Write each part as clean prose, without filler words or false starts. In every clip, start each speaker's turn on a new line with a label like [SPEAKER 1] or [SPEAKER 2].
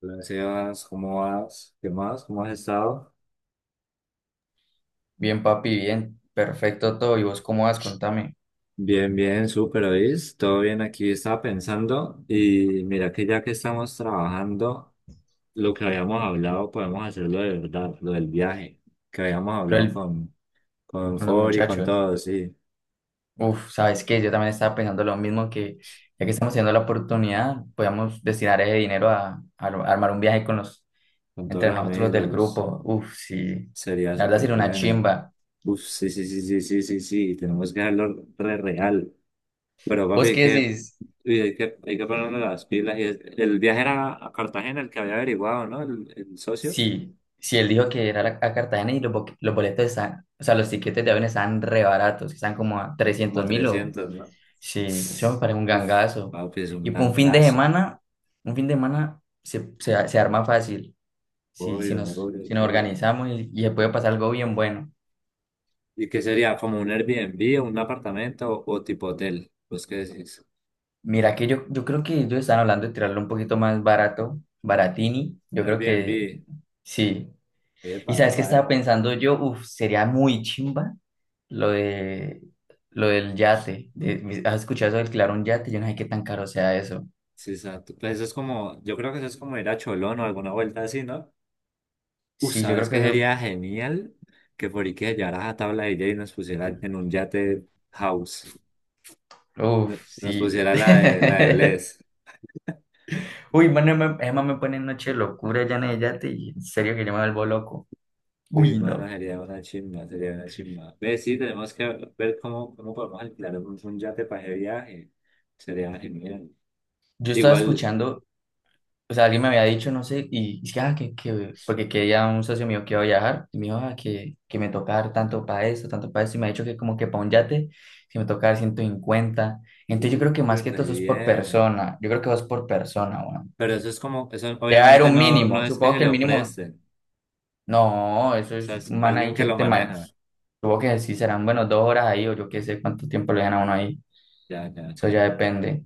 [SPEAKER 1] Hola, Sebas, ¿cómo vas? ¿Qué más? ¿Cómo has estado?
[SPEAKER 2] Bien, papi, bien. Perfecto todo. ¿Y vos cómo vas? Contame.
[SPEAKER 1] Bien, bien, súper, ¿oís? Todo bien aquí, estaba pensando y mira que ya que estamos trabajando, lo que habíamos hablado podemos hacerlo de verdad, lo del viaje, que habíamos
[SPEAKER 2] Lo
[SPEAKER 1] hablado
[SPEAKER 2] del-
[SPEAKER 1] con
[SPEAKER 2] con los
[SPEAKER 1] Fori, con
[SPEAKER 2] muchachos.
[SPEAKER 1] todos, sí,
[SPEAKER 2] Uf, ¿sabes qué? Yo también estaba pensando lo mismo, que ya que estamos teniendo la oportunidad, podemos destinar ese dinero a armar un viaje con los,
[SPEAKER 1] con todos
[SPEAKER 2] entre
[SPEAKER 1] los
[SPEAKER 2] nosotros los del
[SPEAKER 1] amigos,
[SPEAKER 2] grupo. Uf, sí.
[SPEAKER 1] sería
[SPEAKER 2] La verdad
[SPEAKER 1] súper
[SPEAKER 2] sería una
[SPEAKER 1] bueno.
[SPEAKER 2] chimba.
[SPEAKER 1] Uf, sí, sí, sí, sí, sí, sí, sí, tenemos que hacerlo re real. Pero papi,
[SPEAKER 2] ¿Vos qué decís?
[SPEAKER 1] uy, hay que ponernos las pilas. Y el viaje era a Cartagena el que había averiguado, ¿no? El socio,
[SPEAKER 2] Sí. Si él dijo que era a Cartagena, y los, los boletos están, o sea, los tiquetes de avión están re baratos, están como a
[SPEAKER 1] como a
[SPEAKER 2] 300.000. O
[SPEAKER 1] 300, ¿no?
[SPEAKER 2] sí, eso me parece un
[SPEAKER 1] Uf,
[SPEAKER 2] gangazo.
[SPEAKER 1] papi, es un
[SPEAKER 2] Y por un fin de
[SPEAKER 1] gangazo.
[SPEAKER 2] semana, un fin de semana se arma fácil. Si, si
[SPEAKER 1] Obvio,
[SPEAKER 2] nos,
[SPEAKER 1] obvio,
[SPEAKER 2] si nos
[SPEAKER 1] obvio.
[SPEAKER 2] organizamos, y se puede pasar algo bien bueno.
[SPEAKER 1] ¿Y qué sería? ¿Como un Airbnb o un apartamento o, tipo hotel? Pues, ¿qué decís?
[SPEAKER 2] Mira que yo creo que ellos están hablando de tirarlo un poquito más barato, baratini. Yo
[SPEAKER 1] Un
[SPEAKER 2] creo que
[SPEAKER 1] Airbnb.
[SPEAKER 2] sí. Y
[SPEAKER 1] Epa,
[SPEAKER 2] sabes qué
[SPEAKER 1] epa,
[SPEAKER 2] estaba
[SPEAKER 1] epa.
[SPEAKER 2] pensando yo, uf, sería muy chimba lo de lo del yate. ¿Has escuchado eso de alquilar un yate? Yo no sé qué tan caro sea eso.
[SPEAKER 1] Sí, exacto. Pues eso es como, yo creo que eso es como ir a Cholón o alguna vuelta así, ¿no?
[SPEAKER 2] Sí, yo
[SPEAKER 1] ¿Sabes
[SPEAKER 2] creo que
[SPEAKER 1] qué
[SPEAKER 2] eso,
[SPEAKER 1] sería genial? Que Forique llevaras a tabla de DJ y nos pusiera en un yate house.
[SPEAKER 2] uf,
[SPEAKER 1] Nos
[SPEAKER 2] sí.
[SPEAKER 1] pusiera la de, Bless.
[SPEAKER 2] Uy, mano, Emma, Emma me pone en noche de locura, ya Yate, y en serio que yo me vuelvo loco.
[SPEAKER 1] Uy,
[SPEAKER 2] Uy,
[SPEAKER 1] mano,
[SPEAKER 2] no.
[SPEAKER 1] sería una chimba, sería una chimba. Ve, sí, tenemos que ver cómo, podemos alquilar un yate para ese viaje. Sería genial.
[SPEAKER 2] Yo estaba
[SPEAKER 1] Igual,
[SPEAKER 2] escuchando, o sea, alguien me había dicho, no sé, y es que, ah, que, porque que ya un socio mío que iba a viajar, y me dijo, que me toca dar tanto para eso, y me ha dicho que como que para un yate, que me toca dar 150. Entonces yo creo que
[SPEAKER 1] uy,
[SPEAKER 2] más que todo
[SPEAKER 1] re
[SPEAKER 2] eso es por
[SPEAKER 1] bien.
[SPEAKER 2] persona, yo creo que vas por persona, bueno.
[SPEAKER 1] Pero eso es como, eso
[SPEAKER 2] Debe haber
[SPEAKER 1] obviamente
[SPEAKER 2] un
[SPEAKER 1] no, no
[SPEAKER 2] mínimo,
[SPEAKER 1] es que
[SPEAKER 2] supongo
[SPEAKER 1] se
[SPEAKER 2] que el
[SPEAKER 1] lo
[SPEAKER 2] mínimo.
[SPEAKER 1] presten.
[SPEAKER 2] No, eso
[SPEAKER 1] O sea,
[SPEAKER 2] es
[SPEAKER 1] es
[SPEAKER 2] un man ahí
[SPEAKER 1] alguien que
[SPEAKER 2] que
[SPEAKER 1] lo
[SPEAKER 2] te
[SPEAKER 1] maneja.
[SPEAKER 2] manos. Supongo que sí serán, bueno, 2 horas ahí, o yo qué sé cuánto tiempo le dan a uno ahí.
[SPEAKER 1] Ya, ya,
[SPEAKER 2] Eso
[SPEAKER 1] ya.
[SPEAKER 2] ya depende.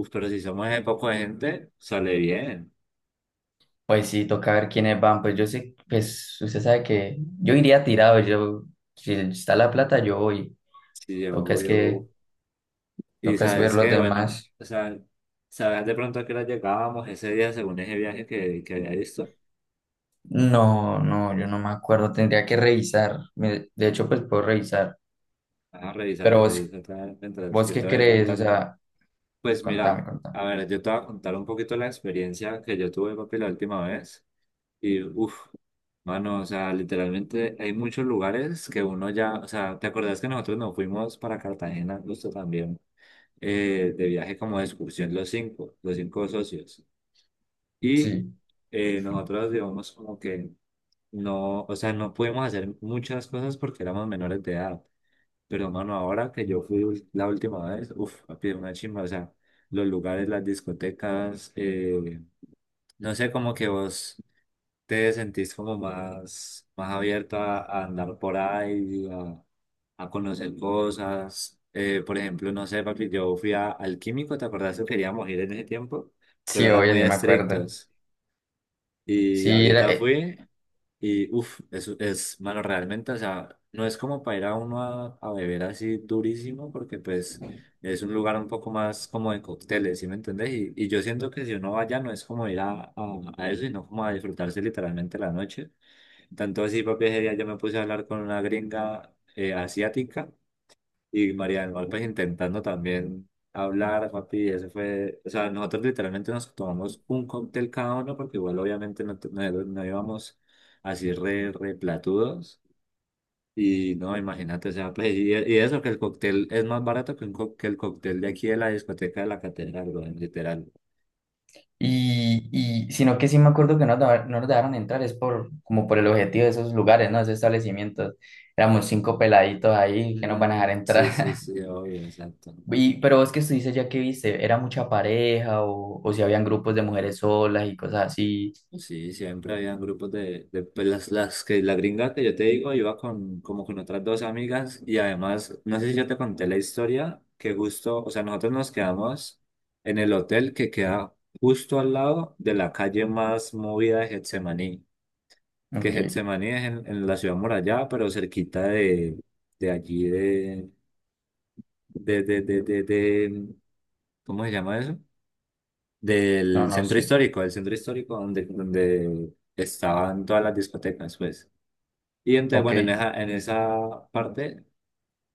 [SPEAKER 1] Uf, pero si somos ese poco de gente, sale bien.
[SPEAKER 2] Pues sí, toca ver quiénes van. Pues yo sé, pues usted sabe que yo iría tirado. Yo, si está la plata, yo voy.
[SPEAKER 1] Sí,
[SPEAKER 2] Toca es que,
[SPEAKER 1] obvio. Y
[SPEAKER 2] toca es ver
[SPEAKER 1] sabes
[SPEAKER 2] los
[SPEAKER 1] qué, bueno,
[SPEAKER 2] demás.
[SPEAKER 1] o sea, sabes de pronto a qué hora llegábamos ese día según ese viaje que, había visto.
[SPEAKER 2] No, no, yo no me acuerdo. Tendría que revisar. De hecho, pues puedo revisar.
[SPEAKER 1] Ah,
[SPEAKER 2] Pero
[SPEAKER 1] revísate,
[SPEAKER 2] vos,
[SPEAKER 1] revísate mientras
[SPEAKER 2] ¿vos
[SPEAKER 1] yo te
[SPEAKER 2] qué
[SPEAKER 1] voy
[SPEAKER 2] crees? O
[SPEAKER 1] contando.
[SPEAKER 2] sea,
[SPEAKER 1] Pues
[SPEAKER 2] contame,
[SPEAKER 1] mira,
[SPEAKER 2] contame.
[SPEAKER 1] a ver, yo te voy a contar un poquito la experiencia que yo tuve, papi, la última vez. Y uff, mano, o sea, literalmente hay muchos lugares que uno ya, o sea, ¿te acordás que nosotros nos fuimos para Cartagena justo también? De viaje como de excursión los cinco, socios. Y
[SPEAKER 2] Sí,
[SPEAKER 1] nosotros, digamos, como que no, o sea, no pudimos hacer muchas cosas porque éramos menores de edad. Pero, mano, ahora que yo fui la última vez, uff, papi, una chimba, o sea, los lugares, las discotecas, no sé, como que vos te sentís como más, más abierto a, andar por ahí, a conocer cosas. Por ejemplo, no sé, papi, yo fui al químico, ¿te acordás que queríamos ir en ese tiempo? Pero
[SPEAKER 2] sí,
[SPEAKER 1] eran
[SPEAKER 2] obvio,
[SPEAKER 1] muy
[SPEAKER 2] sí me acuerdo.
[SPEAKER 1] estrictos. Y
[SPEAKER 2] Sí, era,
[SPEAKER 1] ahorita fui y uff, es, malo realmente, o sea, no es como para ir a uno a beber así durísimo, porque pues es un lugar un poco más como de cócteles, ¿sí me entendés? Y yo siento que si uno va allá no es como ir a eso, sino como a disfrutarse literalmente la noche. Tanto así, papi, ese día yo me puse a hablar con una gringa asiática y Marian López intentando también hablar, papi, ese fue, o sea, nosotros literalmente nos tomamos un cóctel cada uno, porque igual obviamente no, no, no íbamos así re, platudos, y no, imagínate, o sea, pues, y eso que el cóctel es más barato que el cóctel de aquí de la discoteca de la catedral, weón, literal.
[SPEAKER 2] y sino que sí me acuerdo que no, no nos dejaron entrar, es por como por el objetivo de esos lugares, ¿no? Esos establecimientos. Éramos cinco peladitos ahí que nos van a dejar
[SPEAKER 1] Mm, sí, sí,
[SPEAKER 2] entrar.
[SPEAKER 1] sí, obvio, exacto.
[SPEAKER 2] Y, pero vos que dices ya que viste, ¿era mucha pareja o si habían grupos de mujeres solas y cosas así?
[SPEAKER 1] Sí, siempre habían grupos de, pues, las que la gringa que yo te digo, iba con como con otras dos amigas y además, no sé si yo te conté la historia, que justo, o sea, nosotros nos quedamos en el hotel que queda justo al lado de la calle más movida de Getsemaní, que
[SPEAKER 2] Ok,
[SPEAKER 1] Getsemaní es en, la ciudad murallada, pero cerquita de allí de, de, de, de, de- ¿cómo se llama eso?
[SPEAKER 2] no,
[SPEAKER 1] del
[SPEAKER 2] no
[SPEAKER 1] centro
[SPEAKER 2] sé.
[SPEAKER 1] histórico, del centro histórico donde, estaban todas las discotecas, pues. Y entonces,
[SPEAKER 2] Ok,
[SPEAKER 1] bueno, en esa parte,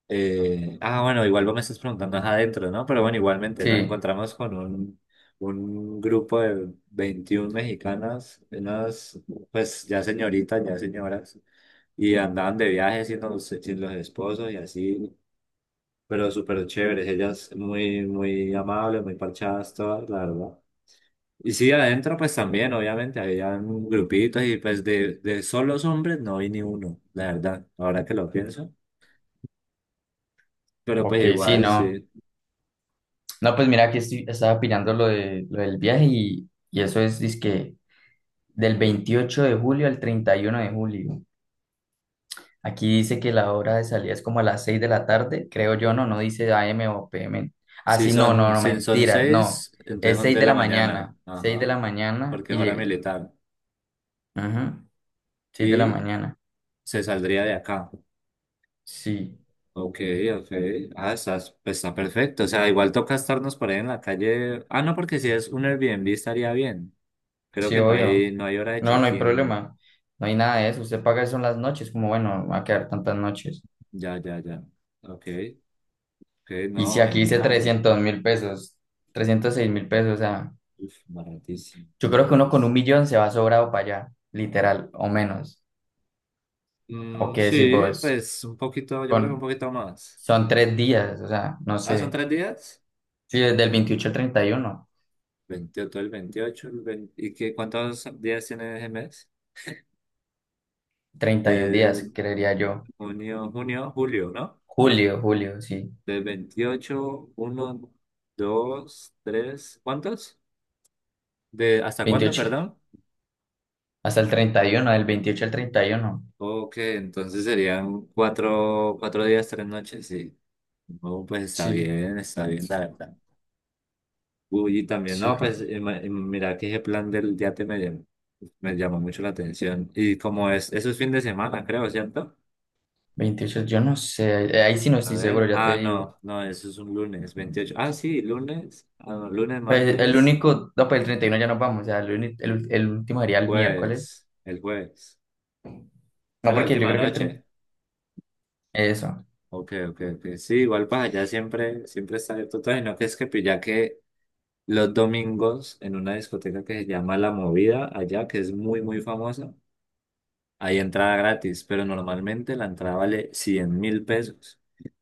[SPEAKER 1] bueno, igual vos me estás preguntando ajá, adentro, ¿no? Pero bueno, igualmente nos
[SPEAKER 2] sí,
[SPEAKER 1] encontramos con un, grupo de 21 mexicanas, unas, pues ya señoritas, ya señoras, y andaban de viaje sin los esposos y así. Pero súper chéveres, ellas muy, muy amables, muy parchadas todas, la verdad. Y sí, adentro pues también, obviamente, había un grupitos y pues de, solos hombres no vi ni uno, la verdad, ahora que lo pienso. Pero pues
[SPEAKER 2] ok, sí,
[SPEAKER 1] igual,
[SPEAKER 2] no.
[SPEAKER 1] sí.
[SPEAKER 2] No, pues mira, aquí estoy, estaba opinando lo, de, lo del viaje, y eso es, que del 28 de julio al 31 de julio. Aquí dice que la hora de salida es como a las 6 de la tarde, creo yo, no, no dice AM o PM. Ah,
[SPEAKER 1] Si
[SPEAKER 2] sí, no, no,
[SPEAKER 1] son,
[SPEAKER 2] no,
[SPEAKER 1] si son
[SPEAKER 2] mentira, no.
[SPEAKER 1] seis, entonces
[SPEAKER 2] Es
[SPEAKER 1] son
[SPEAKER 2] 6
[SPEAKER 1] de
[SPEAKER 2] de
[SPEAKER 1] la
[SPEAKER 2] la
[SPEAKER 1] mañana,
[SPEAKER 2] mañana, 6 de
[SPEAKER 1] ajá,
[SPEAKER 2] la mañana
[SPEAKER 1] porque
[SPEAKER 2] y
[SPEAKER 1] es hora
[SPEAKER 2] llegué.
[SPEAKER 1] militar.
[SPEAKER 2] Ajá, 6 de la
[SPEAKER 1] Y
[SPEAKER 2] mañana.
[SPEAKER 1] se saldría de acá.
[SPEAKER 2] Sí,
[SPEAKER 1] Ok, ok. Ah, pues está perfecto. O sea, igual toca estarnos por ahí en la calle. Ah, no, porque si es un Airbnb estaría bien. Creo
[SPEAKER 2] sí,
[SPEAKER 1] que no hay,
[SPEAKER 2] obvio.
[SPEAKER 1] no hay hora de
[SPEAKER 2] No, no hay
[SPEAKER 1] check-in.
[SPEAKER 2] problema, no hay nada de eso. Usted paga eso en las noches, como bueno, va a quedar tantas noches.
[SPEAKER 1] Ya, ya, ya. Ok. Ok,
[SPEAKER 2] Y si
[SPEAKER 1] no,
[SPEAKER 2] aquí dice
[SPEAKER 1] genial.
[SPEAKER 2] 300.000 pesos, 306.000 pesos, o sea,
[SPEAKER 1] Uf, baratísimo,
[SPEAKER 2] yo creo que uno con un
[SPEAKER 1] baratísimo.
[SPEAKER 2] millón se va sobrado para allá, literal, o menos. ¿O
[SPEAKER 1] Mm,
[SPEAKER 2] qué decís
[SPEAKER 1] sí,
[SPEAKER 2] vos?
[SPEAKER 1] pues un poquito, yo creo que un
[SPEAKER 2] Con,
[SPEAKER 1] poquito más.
[SPEAKER 2] son 3 días, o sea, no
[SPEAKER 1] Ah, son
[SPEAKER 2] sé.
[SPEAKER 1] tres días.
[SPEAKER 2] Sí, desde el 28 al 30, 31
[SPEAKER 1] Veintiocho, el veintiocho, el 20, ¿y qué, cuántos días tiene ese mes?
[SPEAKER 2] 31 días,
[SPEAKER 1] Eh,
[SPEAKER 2] creería yo.
[SPEAKER 1] junio, julio, ¿no?
[SPEAKER 2] Julio, julio, sí.
[SPEAKER 1] De veintiocho, uno, dos, tres, ¿cuántos? De, ¿hasta cuándo,
[SPEAKER 2] veintiocho
[SPEAKER 1] perdón?
[SPEAKER 2] hasta el treinta y uno del veintiocho al treinta y uno
[SPEAKER 1] Ok, entonces serían cuatro, cuatro días, tres noches, sí. Oh, pues
[SPEAKER 2] Sí,
[SPEAKER 1] está bien, la verdad. Uy, y también,
[SPEAKER 2] sí.
[SPEAKER 1] no, pues mira que ese plan del yate me llamó mucho la atención. Y eso es fin de semana, creo, ¿cierto?
[SPEAKER 2] 28, yo no sé. Ahí, ahí sí no
[SPEAKER 1] A
[SPEAKER 2] estoy seguro,
[SPEAKER 1] ver,
[SPEAKER 2] ya te
[SPEAKER 1] ah,
[SPEAKER 2] digo.
[SPEAKER 1] no, no, eso es un lunes, veintiocho. Ah,
[SPEAKER 2] 28.
[SPEAKER 1] sí, lunes, no, lunes,
[SPEAKER 2] Pues, el
[SPEAKER 1] martes,
[SPEAKER 2] único, no, pues el 31 ya nos vamos, o sea, el último sería el miércoles.
[SPEAKER 1] el jueves, a
[SPEAKER 2] No,
[SPEAKER 1] la
[SPEAKER 2] porque yo
[SPEAKER 1] última
[SPEAKER 2] creo que el 30.
[SPEAKER 1] noche.
[SPEAKER 2] Eso.
[SPEAKER 1] Ok, ok, ok. Sí, igual para allá siempre, siempre está abierto todo. Y no que es que pues, ya que los domingos en una discoteca que se llama La Movida, allá, que es muy, muy famosa. Hay entrada gratis, pero normalmente la entrada vale 100.000 pesos,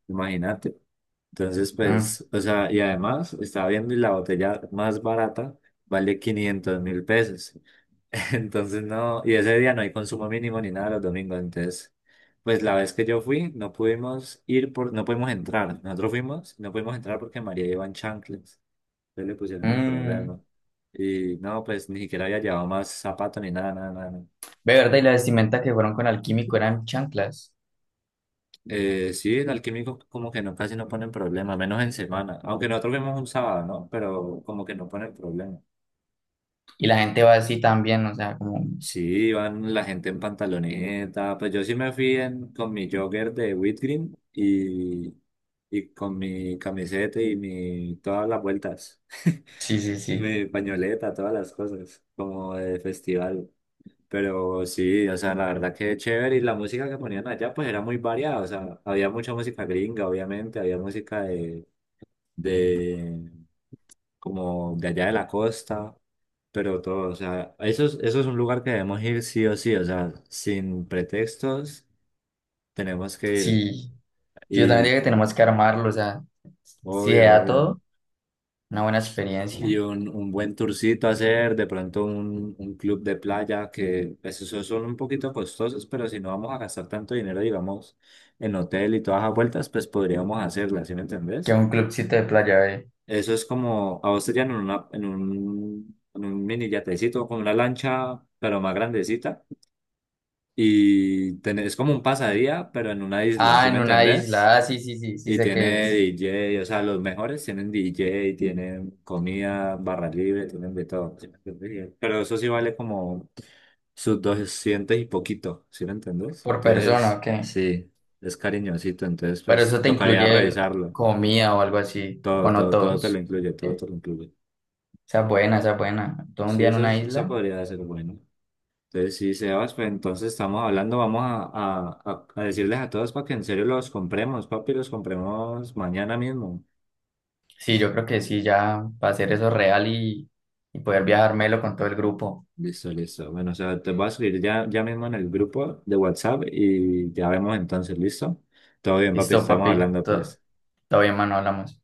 [SPEAKER 1] imagínate. Entonces,
[SPEAKER 2] Mm,
[SPEAKER 1] pues, o sea, y además estaba viendo y la botella más barata vale 500.000 pesos. Entonces, no, y ese día no hay consumo mínimo ni nada los domingos. Entonces, pues la vez que yo fui, no pudimos ir no pudimos entrar. Nosotros fuimos, no pudimos entrar porque María iba en chanclas. Entonces le pusieron el
[SPEAKER 2] mm.
[SPEAKER 1] problema. Y no, pues ni siquiera había llevado más zapatos ni nada, nada, nada.
[SPEAKER 2] Ve, verdad, y la vestimenta que fueron con Alquímico eran chanclas.
[SPEAKER 1] Sí, en alquímico como que no, casi no ponen problema, menos en semana. Aunque nosotros vemos un sábado, ¿no? Pero como que no ponen problema.
[SPEAKER 2] Y la gente va así también, o sea, como.
[SPEAKER 1] Sí, van la gente en pantaloneta. Pues yo sí me fui con mi jogger de Whitgreen y con mi camiseta y mi, todas las vueltas.
[SPEAKER 2] Sí, sí, sí.
[SPEAKER 1] Mi pañoleta, todas las cosas, como de festival. Pero sí, o sea, la verdad que chévere. Y la música que ponían allá, pues era muy variada. O sea, había mucha música gringa, obviamente, había música de como de allá de la costa, pero todo, o sea, eso es, un lugar que debemos ir sí o sí, o sea, sin pretextos tenemos que ir.
[SPEAKER 2] Sí, yo también
[SPEAKER 1] Y
[SPEAKER 2] digo que tenemos que armarlo, o sea, si se
[SPEAKER 1] obvio,
[SPEAKER 2] da
[SPEAKER 1] obvio.
[SPEAKER 2] todo, una buena
[SPEAKER 1] Y
[SPEAKER 2] experiencia.
[SPEAKER 1] un, buen tourcito hacer, de pronto un club de playa, que pues, esos son un poquito costosos, pero si no vamos a gastar tanto dinero, digamos, en hotel y todas las vueltas, pues podríamos hacerlas, ¿sí me
[SPEAKER 2] ¿Que
[SPEAKER 1] entendés?
[SPEAKER 2] un clubcito de playa, eh?
[SPEAKER 1] Eso es como, a vos te llevan en un mini yatecito, con una lancha, pero más grandecita. Y tenés, es como un pasadía, pero en una isla,
[SPEAKER 2] Ah,
[SPEAKER 1] ¿sí me
[SPEAKER 2] en una
[SPEAKER 1] entendés?
[SPEAKER 2] isla, ah, sí, sí, sí, sí
[SPEAKER 1] Y
[SPEAKER 2] sé que
[SPEAKER 1] tiene
[SPEAKER 2] es
[SPEAKER 1] DJ, o sea, los mejores tienen DJ, tienen comida, barra libre, tienen de todo. ¿Sí me entendés? Pero eso sí vale como sus 200 y poquito, ¿sí me entendés?
[SPEAKER 2] por persona,
[SPEAKER 1] Entonces,
[SPEAKER 2] ok.
[SPEAKER 1] sí, es cariñosito, entonces
[SPEAKER 2] Pero
[SPEAKER 1] pues
[SPEAKER 2] eso te
[SPEAKER 1] tocaría
[SPEAKER 2] incluye
[SPEAKER 1] revisarlo.
[SPEAKER 2] comida o algo así,
[SPEAKER 1] Todo,
[SPEAKER 2] o no
[SPEAKER 1] todo, todo te lo
[SPEAKER 2] todos.
[SPEAKER 1] incluye, todo
[SPEAKER 2] ¿Sí?
[SPEAKER 1] te lo incluye.
[SPEAKER 2] Esa es buena, esa es buena. Todo un
[SPEAKER 1] Sí,
[SPEAKER 2] día en
[SPEAKER 1] eso,
[SPEAKER 2] una
[SPEAKER 1] eso
[SPEAKER 2] isla.
[SPEAKER 1] podría ser bueno. Entonces, sí, Sebas, pues entonces estamos hablando, vamos a, a decirles a todos para que en serio los compremos, papi, los compremos mañana mismo.
[SPEAKER 2] Sí, yo creo que sí, ya para hacer eso real, y poder viajármelo con todo el grupo.
[SPEAKER 1] Listo, listo. Bueno, o sea, te voy a escribir ya mismo en el grupo de WhatsApp y ya vemos entonces, ¿listo? Todo bien, papi,
[SPEAKER 2] Listo,
[SPEAKER 1] estamos
[SPEAKER 2] papi.
[SPEAKER 1] hablando,
[SPEAKER 2] Todo,
[SPEAKER 1] pues.
[SPEAKER 2] todo bien, mano, hablamos.